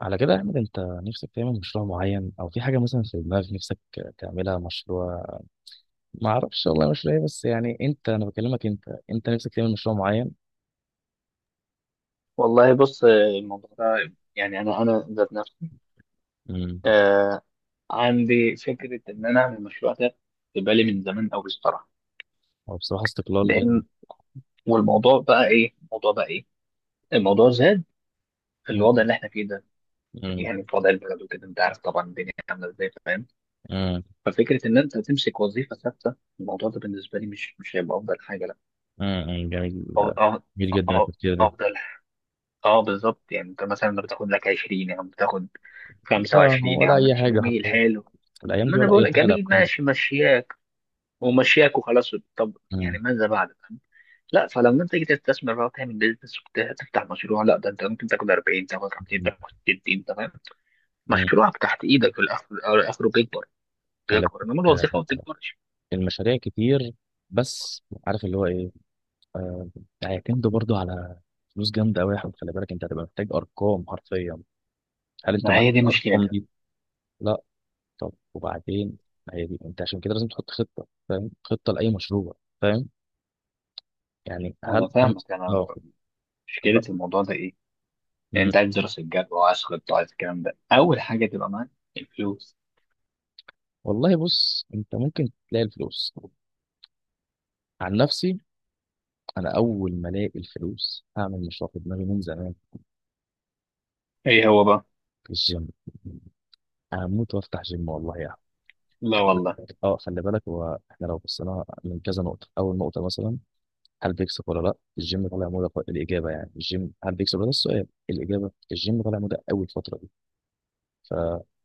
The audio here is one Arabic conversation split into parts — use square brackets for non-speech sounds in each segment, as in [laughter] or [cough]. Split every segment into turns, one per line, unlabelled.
على كده يا احمد انت نفسك تعمل مشروع معين او في حاجه مثلا في دماغك نفسك تعملها مشروع. ما اعرفش والله مشروع ايه بس يعني انت، انا بكلمك انت، انت نفسك تعمل مشروع معين.
والله بص الموضوع ده يعني انا ذات نفسي،
امم
آه عندي فكره ان انا اعمل مشروع ده، في بالي من زمان قوي الصراحه.
هو بصراحه استقلال جامد.
لان والموضوع بقى ايه، الموضوع زاد في الوضع
امم
اللي احنا فيه ده، يعني في وضع البلد وكده انت عارف طبعا الدنيا عامله ازاي فاهم.
امم
ففكره ان انت تمسك وظيفه ثابته الموضوع ده بالنسبه لي مش هيبقى افضل حاجه، لا.
أمم. جميل،
أو- أو-
جميل جدا
أو-
التفكير ده.
افضل، اه بالظبط، يعني انت مثلا بتاخد لك 20 يا عم، بتاخد
اه
25 يا
ولا
عم،
اي
ماشي
حاجه
جميل
حرفيا
حلو،
الايام
ما
دي،
انا
ولا
بقول
اي
لك
حاجه
جميل
الارقام دي.
ماشي مشياك ومشياك وخلاص. طب يعني
امم
ماذا بعد فاهم؟ لا، فلما انت تيجي تستثمر بقى وتعمل بيزنس وتفتح مشروع، لا ده انت ممكن تاخد 40، تاخد 50،
امم
تاخد 60، تمام.
أمم.
مشروعك تحت ايدك في الاخر، اخره بيكبر،
خلي
بيكبر، انما
بالك،
الوظيفه ما
آه،
بتكبرش.
المشاريع كتير بس عارف اللي هو ايه، آه، هيعتمدوا برضو على فلوس جامدة أوي يا أحمد. خلي بالك، أنت هتبقى محتاج أرقام حرفيا. هل أنت
ما
معاك
هي دي
الأرقام
مشكلتها.
دي؟ لا. طب وبعدين، ما هي دي، أنت عشان كده لازم تحط خطة، فاهم، خطة لأي مشروع، فاهم. يعني هل
انا
أنت مثلا،
فاهمك،
آه، لا.
مشكله الموضوع ده ايه، يعني
مم.
انت عايز دراسه جدوى وعايز خطه، عايز الكلام ده اول حاجه تبقى معاك الفلوس.
والله بص، أنت ممكن تلاقي الفلوس. عن نفسي، أنا أول ما ألاقي الفلوس هعمل مشروع في دماغي من زمان
ايه هو بقى؟
في الجيم. هموت وافتح جيم والله يعني.
لا
خلي
والله.
اه، خلي بالك، هو احنا لو بصينا من كذا نقطة، أول نقطة مثلا، هل بيكسب ولا لا الجيم؟ طالع موضه، الاجابه يعني الجيم هل بيكسب ولا لا، السؤال، الاجابه الجيم طالع موضه قوي الفتره دي. ف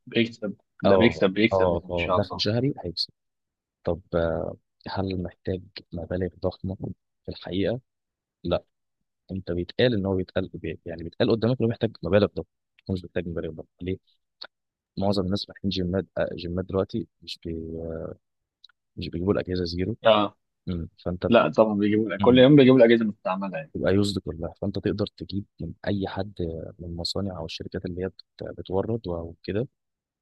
بيكسب ده،
اه
بيكسب
اه
يعني ان
اه
شاء
دخل
الله.
شهري هيكسب. طب آه، هل محتاج مبالغ ضخمه في الحقيقه؟ لا. انت بيتقال ان هو بيتقال بي- يعني بيتقال قدامك انه محتاج مبالغ ضخمه. هو مش محتاج مبالغ ضخمه، ليه؟ معظم الناس فاتحين جيمات، آه، جيمات دلوقتي مش بيجيبوا الاجهزه زيرو.
اه،
مم.
لا طبعا بيجيبوا لك كل
مم.
يوم، بيجيبوا الاجهزه المستعمله يعني.
تبقى يوزد كلها، فانت تقدر تجيب من اي حد، من المصانع او الشركات اللي هي بتورد او كده،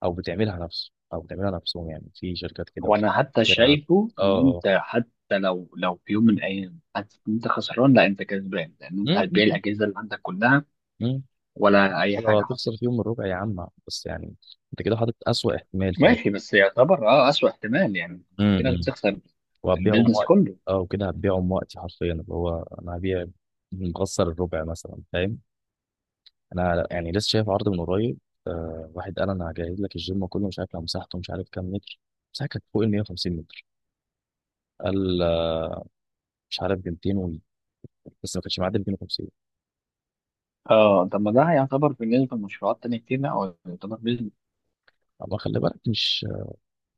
او بتعملها نفسه او بتعملها نفسهم يعني، في شركات كده وفي
وانا حتى
شركات-
شايفه ان
اه
انت،
اه
حتى لو في يوم من الايام حاسس ان انت خسران، لا انت كسبان، لان انت
مم،
هتبيع
مم،
الاجهزه اللي عندك كلها
مم.
ولا اي
لو
حاجه حصلت.
هتخسر فيهم الربع يا عم، بس يعني انت كده حاطط اسوأ احتمال، فاهم.
ماشي، بس يعتبر اه اسوء احتمال يعني، في ناس
امم
بتخسر
وهتبيعهم
البيزنس
وقت،
كله.
اه، وكده هتبيعهم وقتي حرفيا، اللي هو انا هبيع مخسر الربع مثلا، فاهم. انا يعني لسه شايف عرض من قريب، آه، واحد قال انا هجهز لك الجيم كله، مش عارف لو مساحته مش عارف كام متر، مساحه كانت فوق ال 150 متر. قال آه، مش عارف ب 200 و... بس ما كانش معدي 250.
اه، طب ما ده هيعتبر بالنسبه لمشروعات تانية كتير، لا هو يعتبر بيزنس،
اما خلي بالك، مش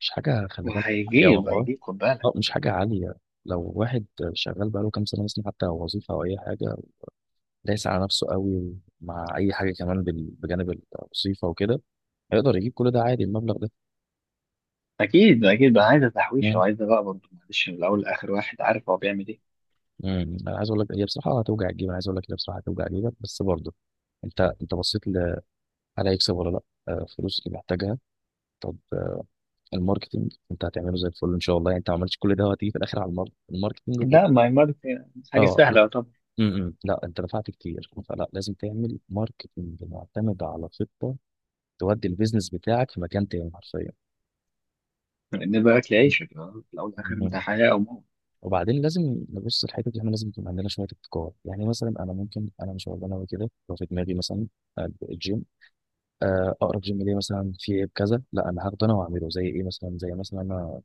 مش حاجه، خلي بالك يا
وهيجيب،
والله،
هيجيب خد بالك.
اه، مش حاجه عاليه. لو واحد شغال بقاله كام سنه مثلا، حتى لو وظيفه او اي حاجه دايس على نفسه قوي مع اي حاجه كمان بجانب الوظيفه وكده، هيقدر يجيب كل ده عادي المبلغ ده
اكيد اكيد بقى، عايزه تحويشه
يعني.
وعايزه بقى برضه معلش، من الاول لاخر واحد عارف هو بيعمل ايه.
انا عايز اقول لك، هي بصراحه هتوجع الجيب، انا عايز اقول لك هي بصراحه هتوجع جيبك، بس برضه انت هل هيكسب ولا لا؟ آه، فلوس اللي محتاجها. طب آه، الماركتينج انت هتعمله زي الفل ان شاء الله يعني. انت ما عملتش كل ده وهتيجي في الاخر على الماركتينج
لا ماي ماركت، حاجه
اه لا.
سهله.
لا انت دفعت كتير، فلا لازم تعمل ماركتينج معتمد على خطه، تودي البيزنس بتاعك في مكان تاني حرفيا.
لان بالك لعيشك، آه، في الاول والاخر انت
مم.
حياه او موت.
وبعدين لازم نبص الحته دي، احنا لازم يكون عندنا شويه ابتكار، يعني مثلا انا ممكن، انا مش هقول انا كده لو في دماغي مثلا الجيم، آه، اقرب جيم ليه مثلا في عيب كذا، لا انا هاخده انا واعمله زي ايه مثلا، زي مثلا انا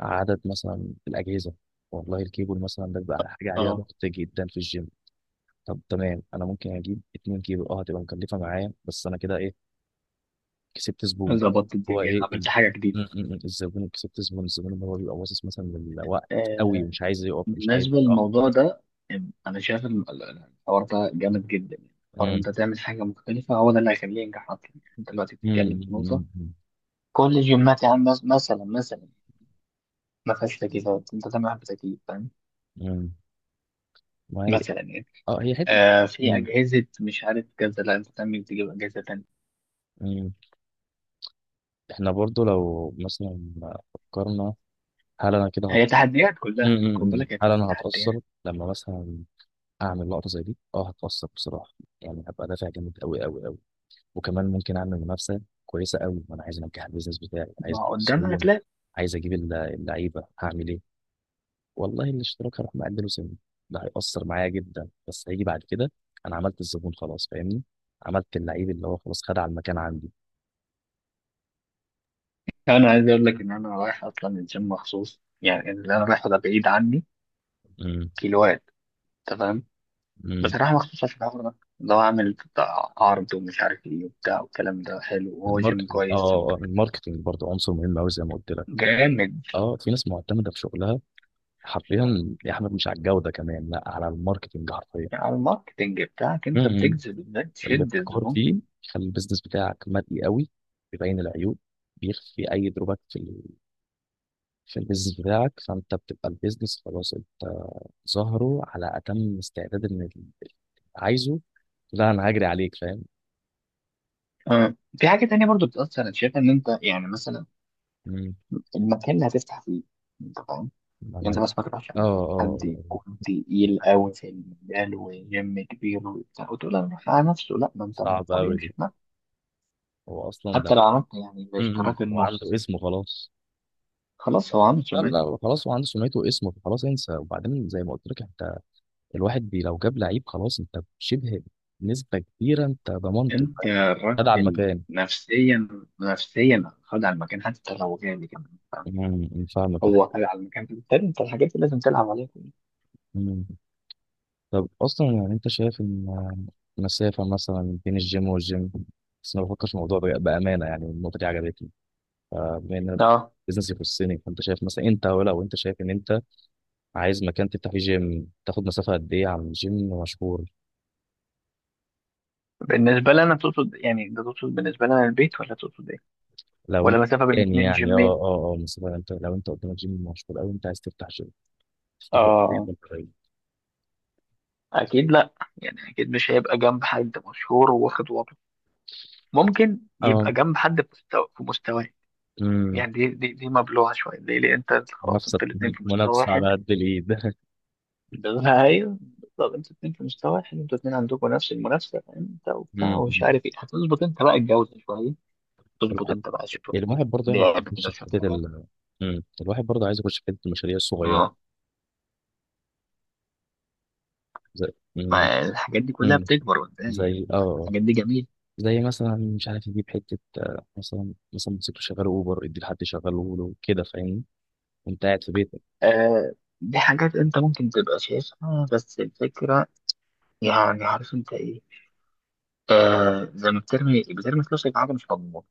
عدد مثلا الاجهزه. والله الكيبل مثلا ده بيبقى حاجه عليها
اه،
ضغط جدا في الجيم. طب تمام، انا ممكن اجيب اتنين كيبل، اه هتبقى مكلفه معايا، بس انا كده ايه؟ كسبت زبون.
ظبطت
هو
الدنيا،
ايه ال-
عملت حاجه
م-
جديده.
م- م، الزبون، كسبت زبون، الزبون اللي هو بيبقى باصص مثلا للوقت قوي
آه.
ومش عايز يقف، مش عايز
بالنسبه
اه.
للموضوع ده، انا شايف الحوار ده جامد جدا يعني. حوار إن انت
م-
تعمل حاجه مختلفه، هو ده اللي هيخليه ينجح اصلا. يعني انت دلوقتي
م-
بتتكلم في نقطه،
م- م-
كل الجيمات يا عم مثلا ما فيهاش تكييفات، انت تعمل واحد بتكييف فاهم،
م. ما هي
مثلا يعني.
اه، هي حته.
آه في
م-
اجهزه مش عارف كذا، لا انت تعمل تجيب اجهزه تانيه.
م. احنا برضو لو مثلا فكرنا، هل انا كده هت...
هي تحديات
م-
كلها خد
م- م.
بالك، هي
هل
كلها
انا
تحديات.
هتأثر لما مثلا اعمل لقطة زي دي؟ اه هتأثر بصراحة. يعني هبقى دافع جامد قوي قوي قوي، وكمان ممكن اعمل منافسة كويسة قوي، وانا عايز انجح البيزنس بتاعي، عايز
ما قدامها
السيولة،
هتلاقي.
عايز اجيب اللعيبة، هعمل ايه؟ والله الاشتراك هروح مقلله سنة، ده هيأثر معايا جدا، بس هيجي بعد كده انا عملت الزبون خلاص، فاهمني، عملت اللعيب اللي هو خلاص خد على المكان عندي.
انا عايز اقول لك ان انا رايح اصلا الجيم مخصوص، يعني اللي انا رايحه ده بعيد عني
م-
كيلوات، تمام،
م.
بس رايح مخصوص عشان الحوار ده، اللي هو عامل بتاع عرض ومش عارف ايه وبتاع، والكلام ده حلو وهو جيم
الماركتنج، اه،
كويس.
آه، الماركتنج برضه عنصر مهم قوي زي ما قلت لك.
جامد،
اه في ناس معتمده في شغلها حرفيا يا احمد، مش على الجوده كمان، لا، على الماركتنج حرفيا.
يعني على الماركتنج بتاعك انت
مهم.
بتجذب ازاي، تشد
الابتكار
الزبون.
فيه يخلي البيزنس بتاعك مرئي قوي، بيبين العيوب، بيخفي اي دروبات في البيزنس بتاعك، فانت بتبقى البيزنس خلاص، انت ظاهره على اتم استعداد ان عايزه، لا انا هجري عليك، فاهم.
اه في حاجه تانية برضو بتاثر انا شايف، ان انت يعني مثلا
مم.
المكان اللي هتفتح فيه، يعني انت
انا
بس ما تروحش
اه
حد
اه
يكون تقيل
آه.
قوي في المجال وجيم كبير وبتاع، وتقول انا رايح على نفسه، لا ما انت من
صعب
طب
قوي دي،
يمشي بنفسه.
هو اصلا ده.
حتى لو عملت يعني
مم.
باشتراك
هو عنده
النص،
اسمه خلاص.
خلاص هو عمل
لا
سمعته.
لا خلاص هو عنده سمعته واسمه، فخلاص انسى. وبعدين زي ما قلت لك انت، الواحد لو جاب لعيب خلاص، انت شبه نسبة كبيرة انت ضمنته،
انت
خد على
الراجل
المكان.
نفسيا، نفسيا خد على المكان حتى لو جامد كمان فاهم؟
امم، فاهمك يا أحمد.
هو خد على المكان، بالتالي انت الحاجات دي لازم تلعب عليها كلها.
أمم. طب اصلا يعني انت شايف ان المسافة مثلا بين الجيم والجيم، بس ما بفكرش في الموضوع بأمانة، يعني النقطة دي عجبتني. فبما ان
اه،
بزنس يخصني، فانت شايف مثلا، انت ولو انت شايف ان انت عايز مكان تفتح فيه جيم، تاخد مسافة قد ايه عن جيم مشهور؟
بالنسبة لي أنا تقصد يعني، ده تقصد بالنسبة لي أنا البيت ولا تقصد إيه؟
لو
ولا
انت
مسافة بين
يعني،
اتنين
يعني اه
جيمين؟
اه اه مثلا انت لو انت قدامك جيم مشهور قوي، انت عايز تفتح جيم، تفتحه قريب
اه،
ولا بعيد؟
اكيد لا، يعني اكيد مش هيبقى جنب حد مشهور وواخد وضعه، ممكن يبقى
اه.
جنب حد في مستوى في مستواه.
امم.
يعني دي مبلوعه شويه، ليه، انت أنت خلاص
منافسة،
انتوا الاثنين في مستوى
منافسة
واحد.
على قد الإيد.
بالنسبه ايوه. طب انتوا الاثنين في مستوى واحد، انتوا الاثنين عندكم نفس المنافسه، انت
[laughs]
وبتاع
امم.
ومش عارف ايه، هتظبط انت بقى الجوزه شويه، تظبط
الواحد
انت بقى شويه،
الواحد برضه يعني عايز
لعب
يخش
كده
في
شويه
حتة
حاجات.
امم، الواحد برضه عايز يخش في حتة المشاريع الصغيرة،
اه،
زي، امم.
فالحاجات دي كلها
امم،
بتكبر قدام يعني.
زي اه، آه.
الحاجات دي جميله.
زي مثلا مش عارف يجيب حتة، آه، مثلا، مثلا موتوسيكل شغال أوبر، يدي لحد يشغله له كده، فاهمني، وأنت قاعد في بيتك.
آه، دي حاجات انت ممكن تبقى شايفها، بس الفكره يعني عارف انت ايه، آه زي ما بترمي فلوسك في حاجة مش مضمونة،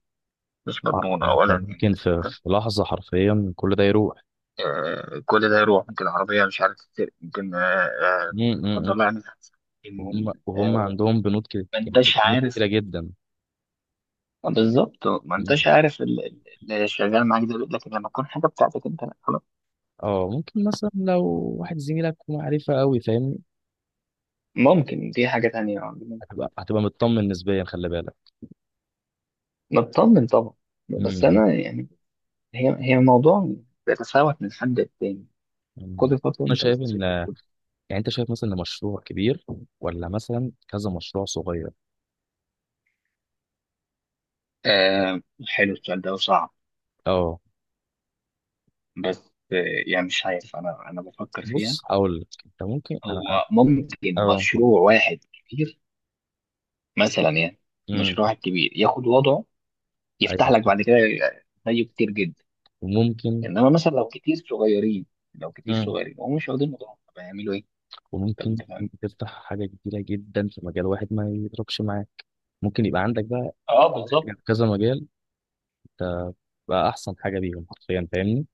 مش
آه،
مضمونة أولا
أنت
يعني.
ممكن في،
أنت،
في لحظة حرفيا كل ده يروح.
آه كل ده يروح، ممكن العربية مش عارف تتسرق، ممكن، آه، آه،
امم.
لا قدر
امم.
الله يعني، إن،
وهم
آه
عندهم بنود كده،
ما أنتش
بنود
عارف.
كتيرة جدا.
آه، بالظبط، ما أنتش عارف اللي شغال معاك ده، لكن لما تكون حاجة بتاعتك أنت لا خلاص.
اه ممكن مثلا لو واحد زميلك معرفة قوي، فاهمني،
ممكن دي حاجة تانية عندنا.
هتبقى مطمن نسبيا، خلي بالك.
نطمن طبعا، بس
امم.
أنا يعني، هي موضوع بيتفاوت من حد للتاني،
أمم.
كل خطوة
انا
أنت
شايف ان،
بتصير.
يعني انت شايف مثلا إن مشروع كبير ولا مثلا كذا مشروع صغير؟
آه حلو السؤال ده وصعب،
اه
بس آه، يعني مش عارف، انا بفكر فيها.
بص هقول لك، انت ممكن انا
هو
أنا-
ممكن
اه.
مشروع واحد كبير، مثلا يعني،
امم.
مشروع واحد كبير ياخد وضعه، يفتح
ايوه
لك
صح.
بعد كده زيه كتير جدا.
وممكن،
انما مثلا لو كتير صغيرين، لو كتير
امم،
صغيرين وهم مش واخدين وضعهم، طب هيعملوا ايه؟ طب
وممكن
انت فاهم؟
تفتح حاجة كبيرة جدا في مجال واحد ما يضربش معاك، ممكن يبقى عندك بقى
اه
حاجة
بالظبط.
في كذا مجال، انت بقى احسن حاجة بيهم حرفيا، فاهمني.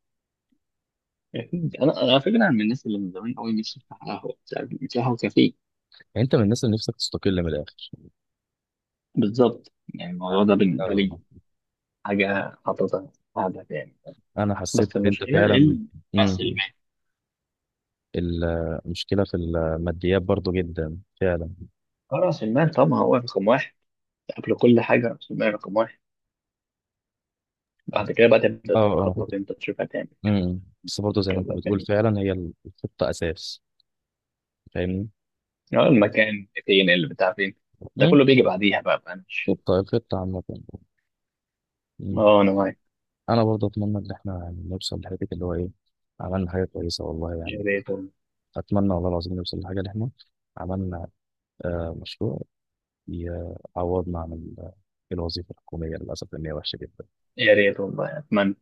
أكيد. انا، على فكره انا من الناس اللي من زمان قوي نفسي افتح قهوه، مش عارف، مش قهوه، كافيه.
يعني انت من الناس اللي نفسك تستقل من الاخر.
بالظبط، يعني الموضوع ده بالنسبه لي
أه،
حاجه حاططها في هدف يعني،
انا حسيت
بس
ان انت
المشكله.
فعلا. امم. المشكله في الماديات برضو جدا فعلا.
اه راس المال طبعا هو رقم واحد، قبل كل حاجة راس المال رقم واحد، بعد كده بقى تبدأ
اه،
تخطط انت، تشوف هتعمل، شوف
امم. بس برضو زي ما انت
كذا
بتقول،
هتعمل.
فعلا هي الخطه اساس، فاهمني.
اه المكان فين، اللي بتاع فين، ده
امم.
كله بيجي بعديها بقى، مش.
الخطه عامه. أمم.
اه انا معاك.
انا برضو اتمنى ان احنا يعني نوصل لحته اللي هو ايه، عملنا حاجه كويسه والله
يا
يعني.
ريت والله،
اتمنى والله العظيم نوصل لحاجه اللي احنا عملنا، آه، مشروع يعوضنا عن الوظيفه الحكوميه، للاسف ان هي وحشه جدا.
يا ريت والله اتمنى.